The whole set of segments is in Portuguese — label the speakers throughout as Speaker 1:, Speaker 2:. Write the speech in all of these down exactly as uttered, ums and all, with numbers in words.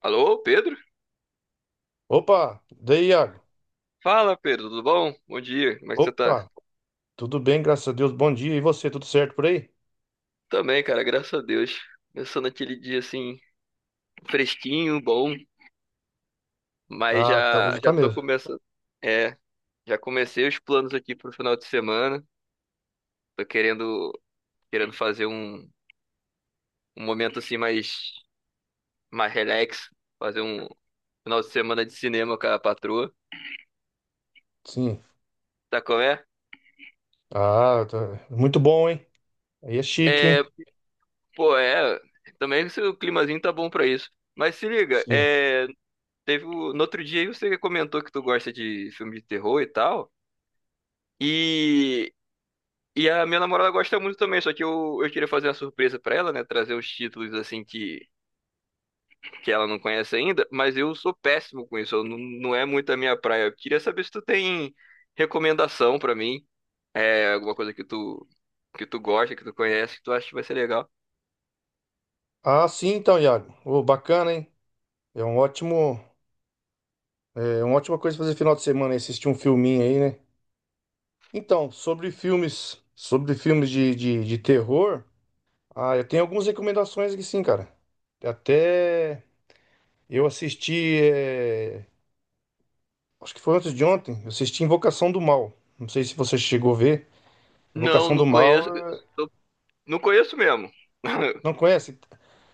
Speaker 1: Alô, Pedro?
Speaker 2: Opa, daí, Iago?
Speaker 1: Fala, Pedro, tudo bom? Bom dia, como é que você tá?
Speaker 2: Opa, tudo bem, graças a Deus. Bom dia. E você, tudo certo por aí?
Speaker 1: Também, cara, graças a Deus. Começando aquele dia assim, fresquinho, bom, mas
Speaker 2: Ah, tá,
Speaker 1: já
Speaker 2: hoje tá
Speaker 1: já tô
Speaker 2: mesmo.
Speaker 1: começando. É, já comecei os planos aqui pro final de semana. Tô querendo querendo fazer um, um momento assim mais mais relax, fazer um final de semana de cinema com a patroa.
Speaker 2: Sim.
Speaker 1: Tá como é?
Speaker 2: Ah, tá. Muito bom, hein? Aí é chique,
Speaker 1: É,
Speaker 2: hein?
Speaker 1: pô, é, também se o climazinho tá bom pra isso. Mas se liga,
Speaker 2: Sim.
Speaker 1: é. Teve o- no outro dia aí você comentou que tu gosta de filme de terror e tal. E, e a minha namorada gosta muito também, só que eu, eu queria fazer uma surpresa pra ela, né? Trazer os títulos assim que, que ela não conhece ainda, mas eu sou péssimo com isso, eu não, não é muito a minha praia. Eu queria saber se tu tem recomendação pra mim, é, alguma coisa que tu, que tu gosta, que tu conhece, que tu acha que vai ser legal.
Speaker 2: Ah, sim, então, Iago. Ô, bacana, hein? É um ótimo, é uma ótima coisa fazer final de semana, hein? Assistir um filminho aí, né? Então, sobre filmes, sobre filmes de, de, de terror, ah, eu tenho algumas recomendações aqui, sim, cara. Até eu assisti eh, acho que foi antes de ontem. Eu assisti Invocação do Mal. Não sei se você chegou a ver.
Speaker 1: Não,
Speaker 2: Invocação do
Speaker 1: não
Speaker 2: Mal,
Speaker 1: conheço, sou- não conheço mesmo.
Speaker 2: não conhece?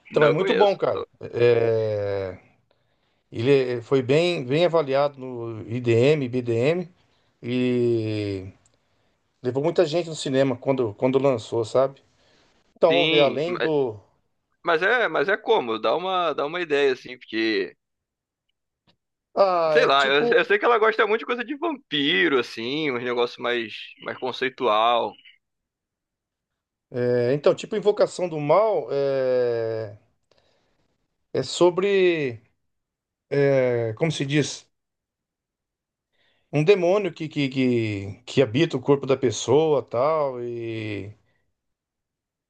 Speaker 2: Então é
Speaker 1: Não
Speaker 2: muito bom,
Speaker 1: conheço.
Speaker 2: cara.
Speaker 1: Sou-
Speaker 2: É, Ele é- foi bem, bem avaliado no I D M, B D M e levou muita gente no cinema quando, quando lançou, sabe? Então vamos ver,
Speaker 1: Sim.
Speaker 2: além do.
Speaker 1: Mas é, mas é como, dá uma, dá uma ideia, assim, porque,
Speaker 2: Ah,
Speaker 1: sei
Speaker 2: é
Speaker 1: lá, eu,
Speaker 2: tipo.
Speaker 1: eu sei que ela gosta muito de coisa de vampiro, assim, uns negócios mais, mais conceitual.
Speaker 2: É, então, tipo Invocação do Mal é, é sobre. É, como se diz? Um demônio que, que, que, que habita o corpo da pessoa tal, e.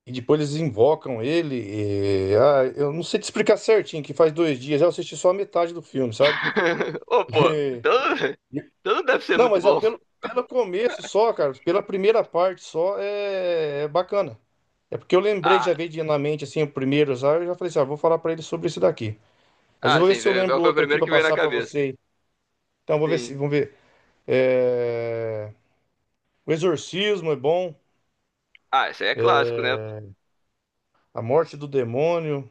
Speaker 2: E depois eles invocam ele. E- ah, eu não sei te explicar certinho, que faz dois dias. Eu assisti só a metade do filme, sabe?
Speaker 1: Ô, pô, então, então não deve ser
Speaker 2: Não,
Speaker 1: muito
Speaker 2: mas é
Speaker 1: bom.
Speaker 2: pelo, pelo começo só, cara. Pela primeira parte só é, é bacana. É porque eu lembrei,
Speaker 1: Ah,
Speaker 2: já veio de- na mente assim, o primeiro já. Eu já falei assim, ah, vou falar pra ele sobre esse daqui. Mas eu
Speaker 1: ah,
Speaker 2: vou ver
Speaker 1: sim,
Speaker 2: se eu
Speaker 1: veio-
Speaker 2: lembro
Speaker 1: foi o
Speaker 2: outro aqui
Speaker 1: primeiro
Speaker 2: pra
Speaker 1: que veio na
Speaker 2: passar pra
Speaker 1: cabeça.
Speaker 2: você. Então, vou ver
Speaker 1: Sim.
Speaker 2: se. Vamos ver. É, O Exorcismo é bom.
Speaker 1: Ah, esse aí é clássico, né?
Speaker 2: A Morte do Demônio.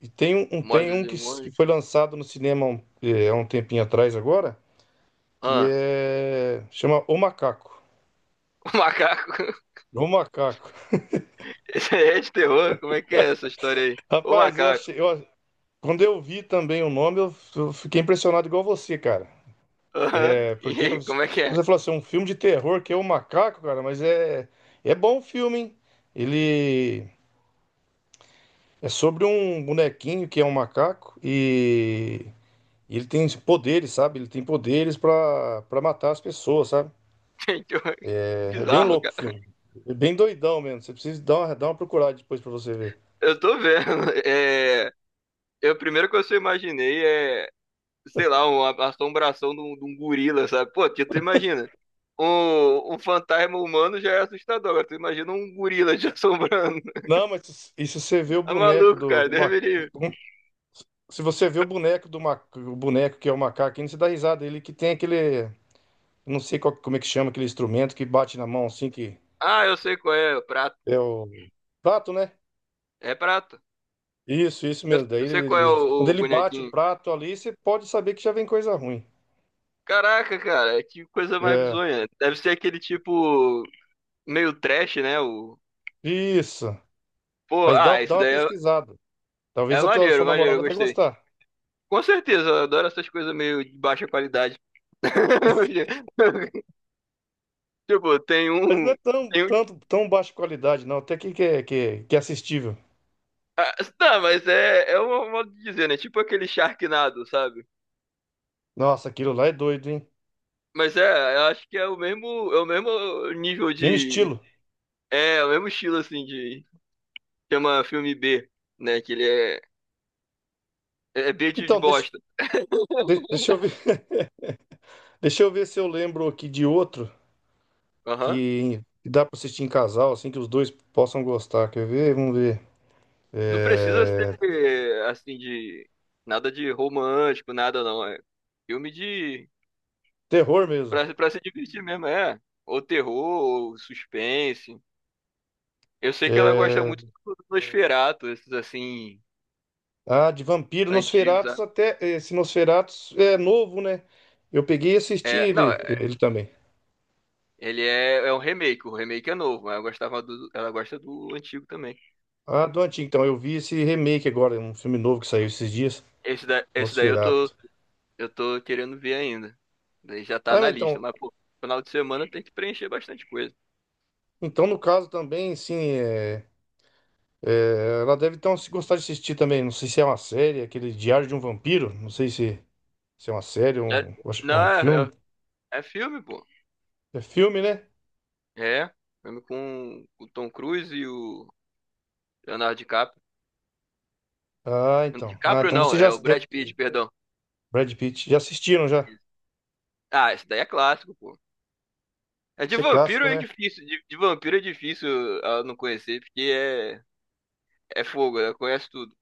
Speaker 2: E tem um, um-
Speaker 1: Morte
Speaker 2: tem
Speaker 1: do
Speaker 2: um que, s- que
Speaker 1: Demônio.
Speaker 2: foi lançado no cinema há um, é, há um tempinho atrás agora. Que
Speaker 1: Ah,
Speaker 2: é chama O Macaco.
Speaker 1: o macaco.
Speaker 2: O Macaco.
Speaker 1: Esse aí é de terror, como é que é essa história aí? O
Speaker 2: Rapaz, eu
Speaker 1: macaco.
Speaker 2: achei, eu- a- quando eu vi também o nome, eu, f- eu fiquei impressionado igual você, cara.
Speaker 1: Aham.
Speaker 2: É,
Speaker 1: E
Speaker 2: porque eu-
Speaker 1: aí, como é que é?
Speaker 2: você falou assim, um filme de terror que é O Macaco, cara, mas é é bom o filme, hein? Ele é sobre um bonequinho que é um macaco e e ele tem poderes, sabe? Ele tem poderes pra para matar as pessoas, sabe?
Speaker 1: Gente,
Speaker 2: É, é bem
Speaker 1: bizarro,
Speaker 2: louco o
Speaker 1: cara.
Speaker 2: filme. É bem doidão mesmo. Você precisa dar uma, dar uma procurada depois pra você ver.
Speaker 1: Eu tô vendo. É. Eu, primeiro que eu só imaginei é, sei lá, uma assombração de um, de um gorila, sabe? Pô, que tu imagina. Um, um fantasma humano já é assustador. Agora tu imagina um gorila te assombrando.
Speaker 2: Não, mas se- e se você vê o
Speaker 1: Tá
Speaker 2: boneco
Speaker 1: maluco,
Speaker 2: do,
Speaker 1: cara,
Speaker 2: do
Speaker 1: Deus
Speaker 2: ma-
Speaker 1: me livre.
Speaker 2: um- Se você vê o boneco do ma- o boneco que é o macaco, ainda você dá risada. Ele que tem aquele. Não sei qual- como é que chama aquele instrumento que bate na mão assim, que
Speaker 1: Ah, eu sei qual é, o prato.
Speaker 2: é o prato, né?
Speaker 1: É prato.
Speaker 2: Isso, isso
Speaker 1: Eu,
Speaker 2: mesmo. Daí
Speaker 1: eu
Speaker 2: ele,
Speaker 1: sei qual é
Speaker 2: ele- quando
Speaker 1: o, o
Speaker 2: ele bate o
Speaker 1: bonequinho.
Speaker 2: prato ali, você pode saber que já vem coisa ruim.
Speaker 1: Caraca, cara, é que coisa mais
Speaker 2: É,
Speaker 1: bizonha. Deve ser aquele tipo meio trash, né? O...
Speaker 2: isso.
Speaker 1: Pô,
Speaker 2: Mas dá,
Speaker 1: ah, isso
Speaker 2: dá uma
Speaker 1: daí é,
Speaker 2: pesquisada.
Speaker 1: é
Speaker 2: Talvez a tua-
Speaker 1: maneiro,
Speaker 2: sua
Speaker 1: maneiro, eu
Speaker 2: namorada vai
Speaker 1: gostei.
Speaker 2: gostar.
Speaker 1: Com certeza, eu adoro essas coisas meio de baixa qualidade. Tipo, tem
Speaker 2: Mas não
Speaker 1: um.
Speaker 2: é tão,
Speaker 1: Tem um...
Speaker 2: tanto, tão baixa qualidade, não. Até que, que, é- que, é- que é assistível.
Speaker 1: Ah, tá, mas é, é um modo de dizer, né? Tipo aquele Sharknado, sabe?
Speaker 2: Nossa, aquilo lá é doido, hein?
Speaker 1: Mas é, eu acho que é o mesmo, é o mesmo nível
Speaker 2: Mesmo
Speaker 1: de.
Speaker 2: estilo.
Speaker 1: É, é o mesmo estilo, assim, de. Chama filme B, né? Que ele é. É é B de de
Speaker 2: Então, deixa,
Speaker 1: bosta.
Speaker 2: de- deixa eu ver, deixa eu ver se eu lembro aqui de outro
Speaker 1: Aham.
Speaker 2: que, dá pra assistir em casal, assim que os dois possam gostar. Quer ver? Vamos ver.
Speaker 1: Não precisa
Speaker 2: É,
Speaker 1: ser, assim, de. Nada de romântico, nada não. É filme de.
Speaker 2: terror mesmo.
Speaker 1: Pra, pra se divertir mesmo, é. Ou terror, ou suspense. Eu sei que ela gosta
Speaker 2: É,
Speaker 1: muito do Nosferatu, esses assim,
Speaker 2: ah, de vampiro,
Speaker 1: antigos,
Speaker 2: Nosferatus
Speaker 1: sabe?
Speaker 2: até. Esse Nosferatus é novo, né? Eu peguei e assisti
Speaker 1: É, não, é,
Speaker 2: ele, ele também.
Speaker 1: ele é, é um remake, o remake é novo, mas eu gostava do, ela gosta do antigo também.
Speaker 2: Ah, do antigo, então. Eu vi esse remake agora, um filme novo que saiu esses dias,
Speaker 1: Esse, da, esse daí eu tô,
Speaker 2: Nosferatu.
Speaker 1: eu tô querendo ver ainda. Daí já tá
Speaker 2: Ah, mas
Speaker 1: na lista,
Speaker 2: então,
Speaker 1: mas pô, final de semana tem que preencher bastante coisa.
Speaker 2: então no caso também, sim, é. É, ela deve então se gostar de assistir também. Não sei se é uma série, aquele Diário de um Vampiro. Não sei se, se é uma série,
Speaker 1: Já-
Speaker 2: um, eu acho que é
Speaker 1: não,
Speaker 2: um
Speaker 1: é,
Speaker 2: filme.
Speaker 1: é- é filme, pô.
Speaker 2: É filme, né?
Speaker 1: É, filme com o Tom Cruise e o Leonardo DiCaprio.
Speaker 2: Ah, então. Ah,
Speaker 1: DiCaprio
Speaker 2: então
Speaker 1: não,
Speaker 2: você já
Speaker 1: é o
Speaker 2: deve-
Speaker 1: Brad Pitt, perdão.
Speaker 2: Brad Pitt já assistiram já?
Speaker 1: Isso. Ah, esse daí é clássico, pô. É de
Speaker 2: Isso é
Speaker 1: vampiro
Speaker 2: clássico,
Speaker 1: é
Speaker 2: né?
Speaker 1: difícil, de, de vampiro é difícil ah, não conhecer, porque é, é fogo, né? Conhece tudo.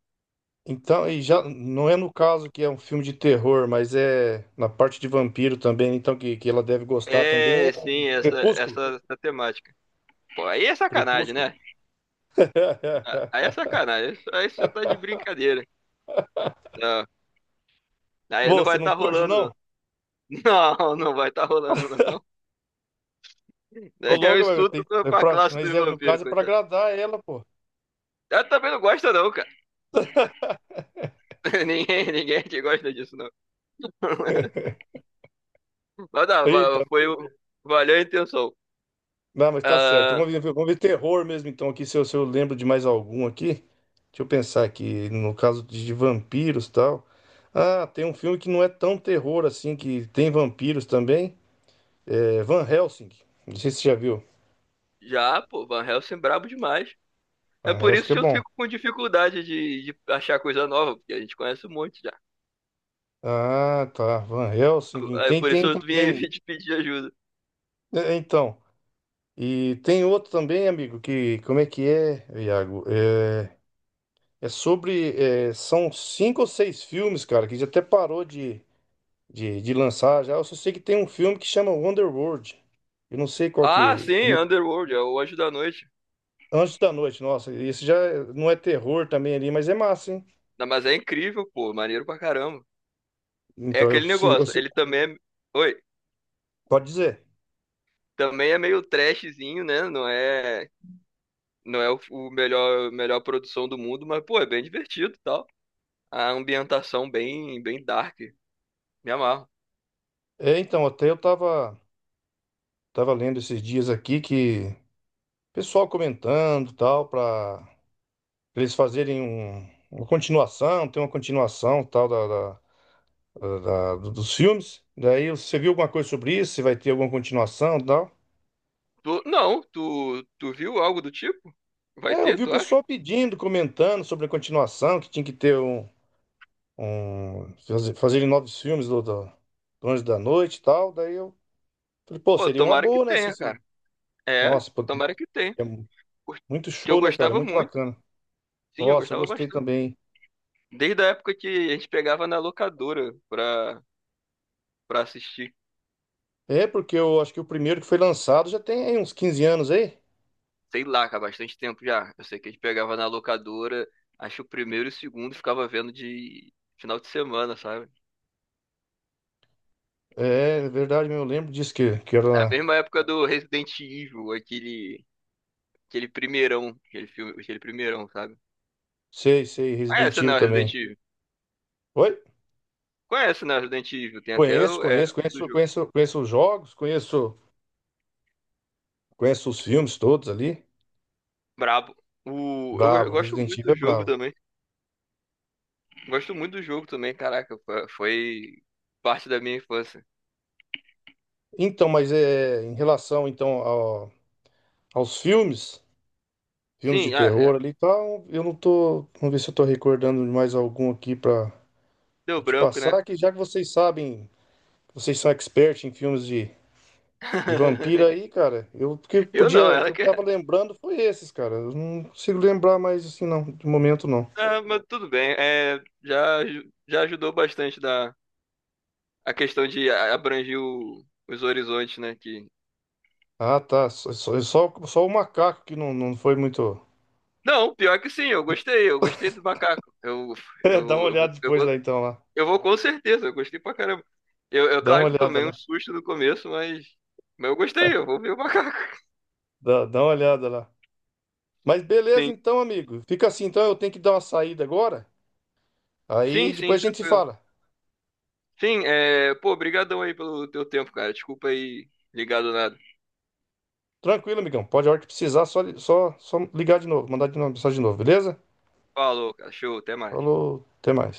Speaker 2: Então, e já
Speaker 1: Tudo-
Speaker 2: não é no caso que é um filme de terror, mas é na parte de vampiro também, então que, que ela deve gostar também é
Speaker 1: É, sim, essa,
Speaker 2: Crepúsculo.
Speaker 1: essa, essa temática. Pô, aí é sacanagem,
Speaker 2: Crepúsculo.
Speaker 1: né? Ah, aí é sacanagem, aí aí você tá de brincadeira. Não, aí
Speaker 2: Pô,
Speaker 1: não
Speaker 2: você
Speaker 1: vai
Speaker 2: não
Speaker 1: estar
Speaker 2: curte,
Speaker 1: rolando, não.
Speaker 2: não?
Speaker 1: Não, não vai estar rolando, não.
Speaker 2: Ô,
Speaker 1: Eu
Speaker 2: logo, mas
Speaker 1: estudo
Speaker 2: tem-
Speaker 1: pra
Speaker 2: é
Speaker 1: pra
Speaker 2: pra-
Speaker 1: classe
Speaker 2: mas
Speaker 1: dos
Speaker 2: é, no
Speaker 1: vampiros,
Speaker 2: caso é pra
Speaker 1: coitado.
Speaker 2: agradar ela, pô.
Speaker 1: Eu também não gosta não, cara. Ninguém, ninguém aqui gosta disso, não. Mas não, va-
Speaker 2: Eita.
Speaker 1: foi, o- valeu a intenção.
Speaker 2: Não, mas tá certo.
Speaker 1: Ah,
Speaker 2: Vamos ver, vamos ver terror mesmo, então, aqui, se eu, se eu lembro de mais algum aqui. Deixa eu pensar aqui, no caso de, de vampiros e tal. Ah, tem um filme que não é tão terror assim, que tem vampiros também. É Van Helsing. Não sei se você já viu.
Speaker 1: já, pô, Van Helsing é brabo demais. É
Speaker 2: Van
Speaker 1: por isso
Speaker 2: Helsing é
Speaker 1: que eu
Speaker 2: bom.
Speaker 1: fico com dificuldade de, de achar coisa nova, porque a gente conhece um monte já.
Speaker 2: Ah, tá. Van Helsing.
Speaker 1: É
Speaker 2: Tem,
Speaker 1: por isso
Speaker 2: tem
Speaker 1: eu vim aí
Speaker 2: também.
Speaker 1: te pedir ajuda.
Speaker 2: É, então. E tem outro também, amigo, que... Como é que é, Iago? É, é sobre... é, são cinco ou seis filmes, cara, que já até parou de... de, de lançar já. Eu só sei que tem um filme que chama Wonderworld. Eu não sei qual
Speaker 1: Ah,
Speaker 2: que.
Speaker 1: sim,
Speaker 2: Como é que...
Speaker 1: Underworld, é o Anjo da Noite.
Speaker 2: Anjos da Noite, nossa, esse já é- não é terror também ali, mas é massa, hein?
Speaker 1: Não, mas é incrível, pô, maneiro pra caramba. É
Speaker 2: Então eu
Speaker 1: aquele
Speaker 2: se, eu
Speaker 1: negócio,
Speaker 2: se-
Speaker 1: ele também é... Oi,
Speaker 2: pode dizer.
Speaker 1: também é meio trashzinho, né? Não é, não é o, o melhor, melhor produção do mundo, mas, pô, é bem divertido e tal. A ambientação bem, bem dark. Me amarro.
Speaker 2: É, então, até eu tava, tava lendo esses dias aqui que pessoal comentando tal, para eles fazerem um- uma continuação, tem uma continuação tal da, da- da- da- do- dos filmes. Daí você viu alguma coisa sobre isso? Se vai ter alguma continuação tal?
Speaker 1: Tu, não, tu, tu viu algo do tipo? Vai
Speaker 2: É, eu
Speaker 1: ter,
Speaker 2: vi o
Speaker 1: tu acha?
Speaker 2: pessoal pedindo, comentando sobre a continuação, que tinha que ter um, um fazer, fazerem novos filmes do, do, do Anjo da Noite e tal. Daí eu falei, pô,
Speaker 1: Pô,
Speaker 2: seria uma
Speaker 1: tomara que
Speaker 2: boa, né? Se,
Speaker 1: tenha,
Speaker 2: se-
Speaker 1: cara. É,
Speaker 2: Nossa, pô,
Speaker 1: tomara que tenha.
Speaker 2: é
Speaker 1: Por-
Speaker 2: muito
Speaker 1: Que eu
Speaker 2: show, né, cara?
Speaker 1: gostava
Speaker 2: Muito
Speaker 1: muito.
Speaker 2: bacana.
Speaker 1: Sim, eu
Speaker 2: Nossa, eu
Speaker 1: gostava
Speaker 2: gostei
Speaker 1: bastante.
Speaker 2: também.
Speaker 1: Desde a época que a gente pegava na locadora pra, pra assistir.
Speaker 2: É, porque eu acho que o primeiro que foi lançado já tem aí uns quinze anos aí.
Speaker 1: Sei lá, cara, há bastante tempo já. Eu sei que a gente pegava na locadora, acho que o primeiro e o segundo ficava vendo de final de semana, sabe?
Speaker 2: É, é verdade, eu lembro disso que, que
Speaker 1: Na
Speaker 2: era.
Speaker 1: mesma época do Resident Evil, aquele, aquele primeirão, aquele filme, aquele primeirão, sabe?
Speaker 2: Sei, sei,
Speaker 1: Ah,
Speaker 2: Resident
Speaker 1: essa não
Speaker 2: Evil
Speaker 1: é o
Speaker 2: também.
Speaker 1: Resident Evil.
Speaker 2: Oi?
Speaker 1: Conhece, né? Resident Evil. Tem até
Speaker 2: Conheço,
Speaker 1: o- é,
Speaker 2: conheço,
Speaker 1: do
Speaker 2: conheço,
Speaker 1: jogo.
Speaker 2: conheço, conheço os jogos, conheço, conheço os filmes todos ali.
Speaker 1: Brabo. O, eu, go- eu
Speaker 2: Bravo,
Speaker 1: gosto
Speaker 2: Resident
Speaker 1: muito
Speaker 2: Evil é
Speaker 1: do jogo
Speaker 2: bravo.
Speaker 1: também. Gosto muito do jogo também, caraca. Fo- Foi parte da minha infância.
Speaker 2: Então, mas é em relação então ao- aos filmes, filmes de
Speaker 1: Sim, ah, é.
Speaker 2: terror ali e tal, eu não tô, vamos ver se eu tô recordando de mais algum aqui pra
Speaker 1: Deu
Speaker 2: pra te
Speaker 1: branco, né?
Speaker 2: passar, que já que vocês sabem, vocês são expert em filmes de, de vampiro aí, cara, eu o que
Speaker 1: Eu não,
Speaker 2: podia, que
Speaker 1: ela
Speaker 2: eu tava
Speaker 1: quer.
Speaker 2: lembrando foi esses, cara. Eu não consigo lembrar mais assim não, de momento não.
Speaker 1: Ah, mas tudo bem. É, já, aju- já ajudou bastante da, a questão de a- abranger o- os horizontes, né? Que...
Speaker 2: Ah, tá, só só é só, só o macaco que não, não foi muito.
Speaker 1: Não, pior que sim, eu gostei. Eu gostei do macaco. Eu,
Speaker 2: É,
Speaker 1: eu,
Speaker 2: dá uma
Speaker 1: eu vou,
Speaker 2: olhada
Speaker 1: eu
Speaker 2: depois lá
Speaker 1: vou.
Speaker 2: então lá.
Speaker 1: Eu vou com certeza, eu gostei pra caramba. Eu, eu
Speaker 2: Dá uma
Speaker 1: claro que eu
Speaker 2: olhada
Speaker 1: tomei um
Speaker 2: lá.
Speaker 1: susto no começo, mas, mas eu gostei, eu vou ver o macaco.
Speaker 2: Dá, dá uma olhada lá. Mas beleza
Speaker 1: Sim,
Speaker 2: então, amigo. Fica assim então, eu tenho que dar uma saída agora. Aí
Speaker 1: sim, sim,
Speaker 2: depois a gente se
Speaker 1: tranquilo.
Speaker 2: fala.
Speaker 1: Sim, é, pô, brigadão aí pelo teu tempo, cara. Desculpa aí, ligado nada.
Speaker 2: Tranquilo, amigão. Pode a hora que precisar, só, li- só, só ligar de novo, mandar de novo, mensagem de novo, beleza?
Speaker 1: Falou, cara, show, até mais.
Speaker 2: Falou, até mais.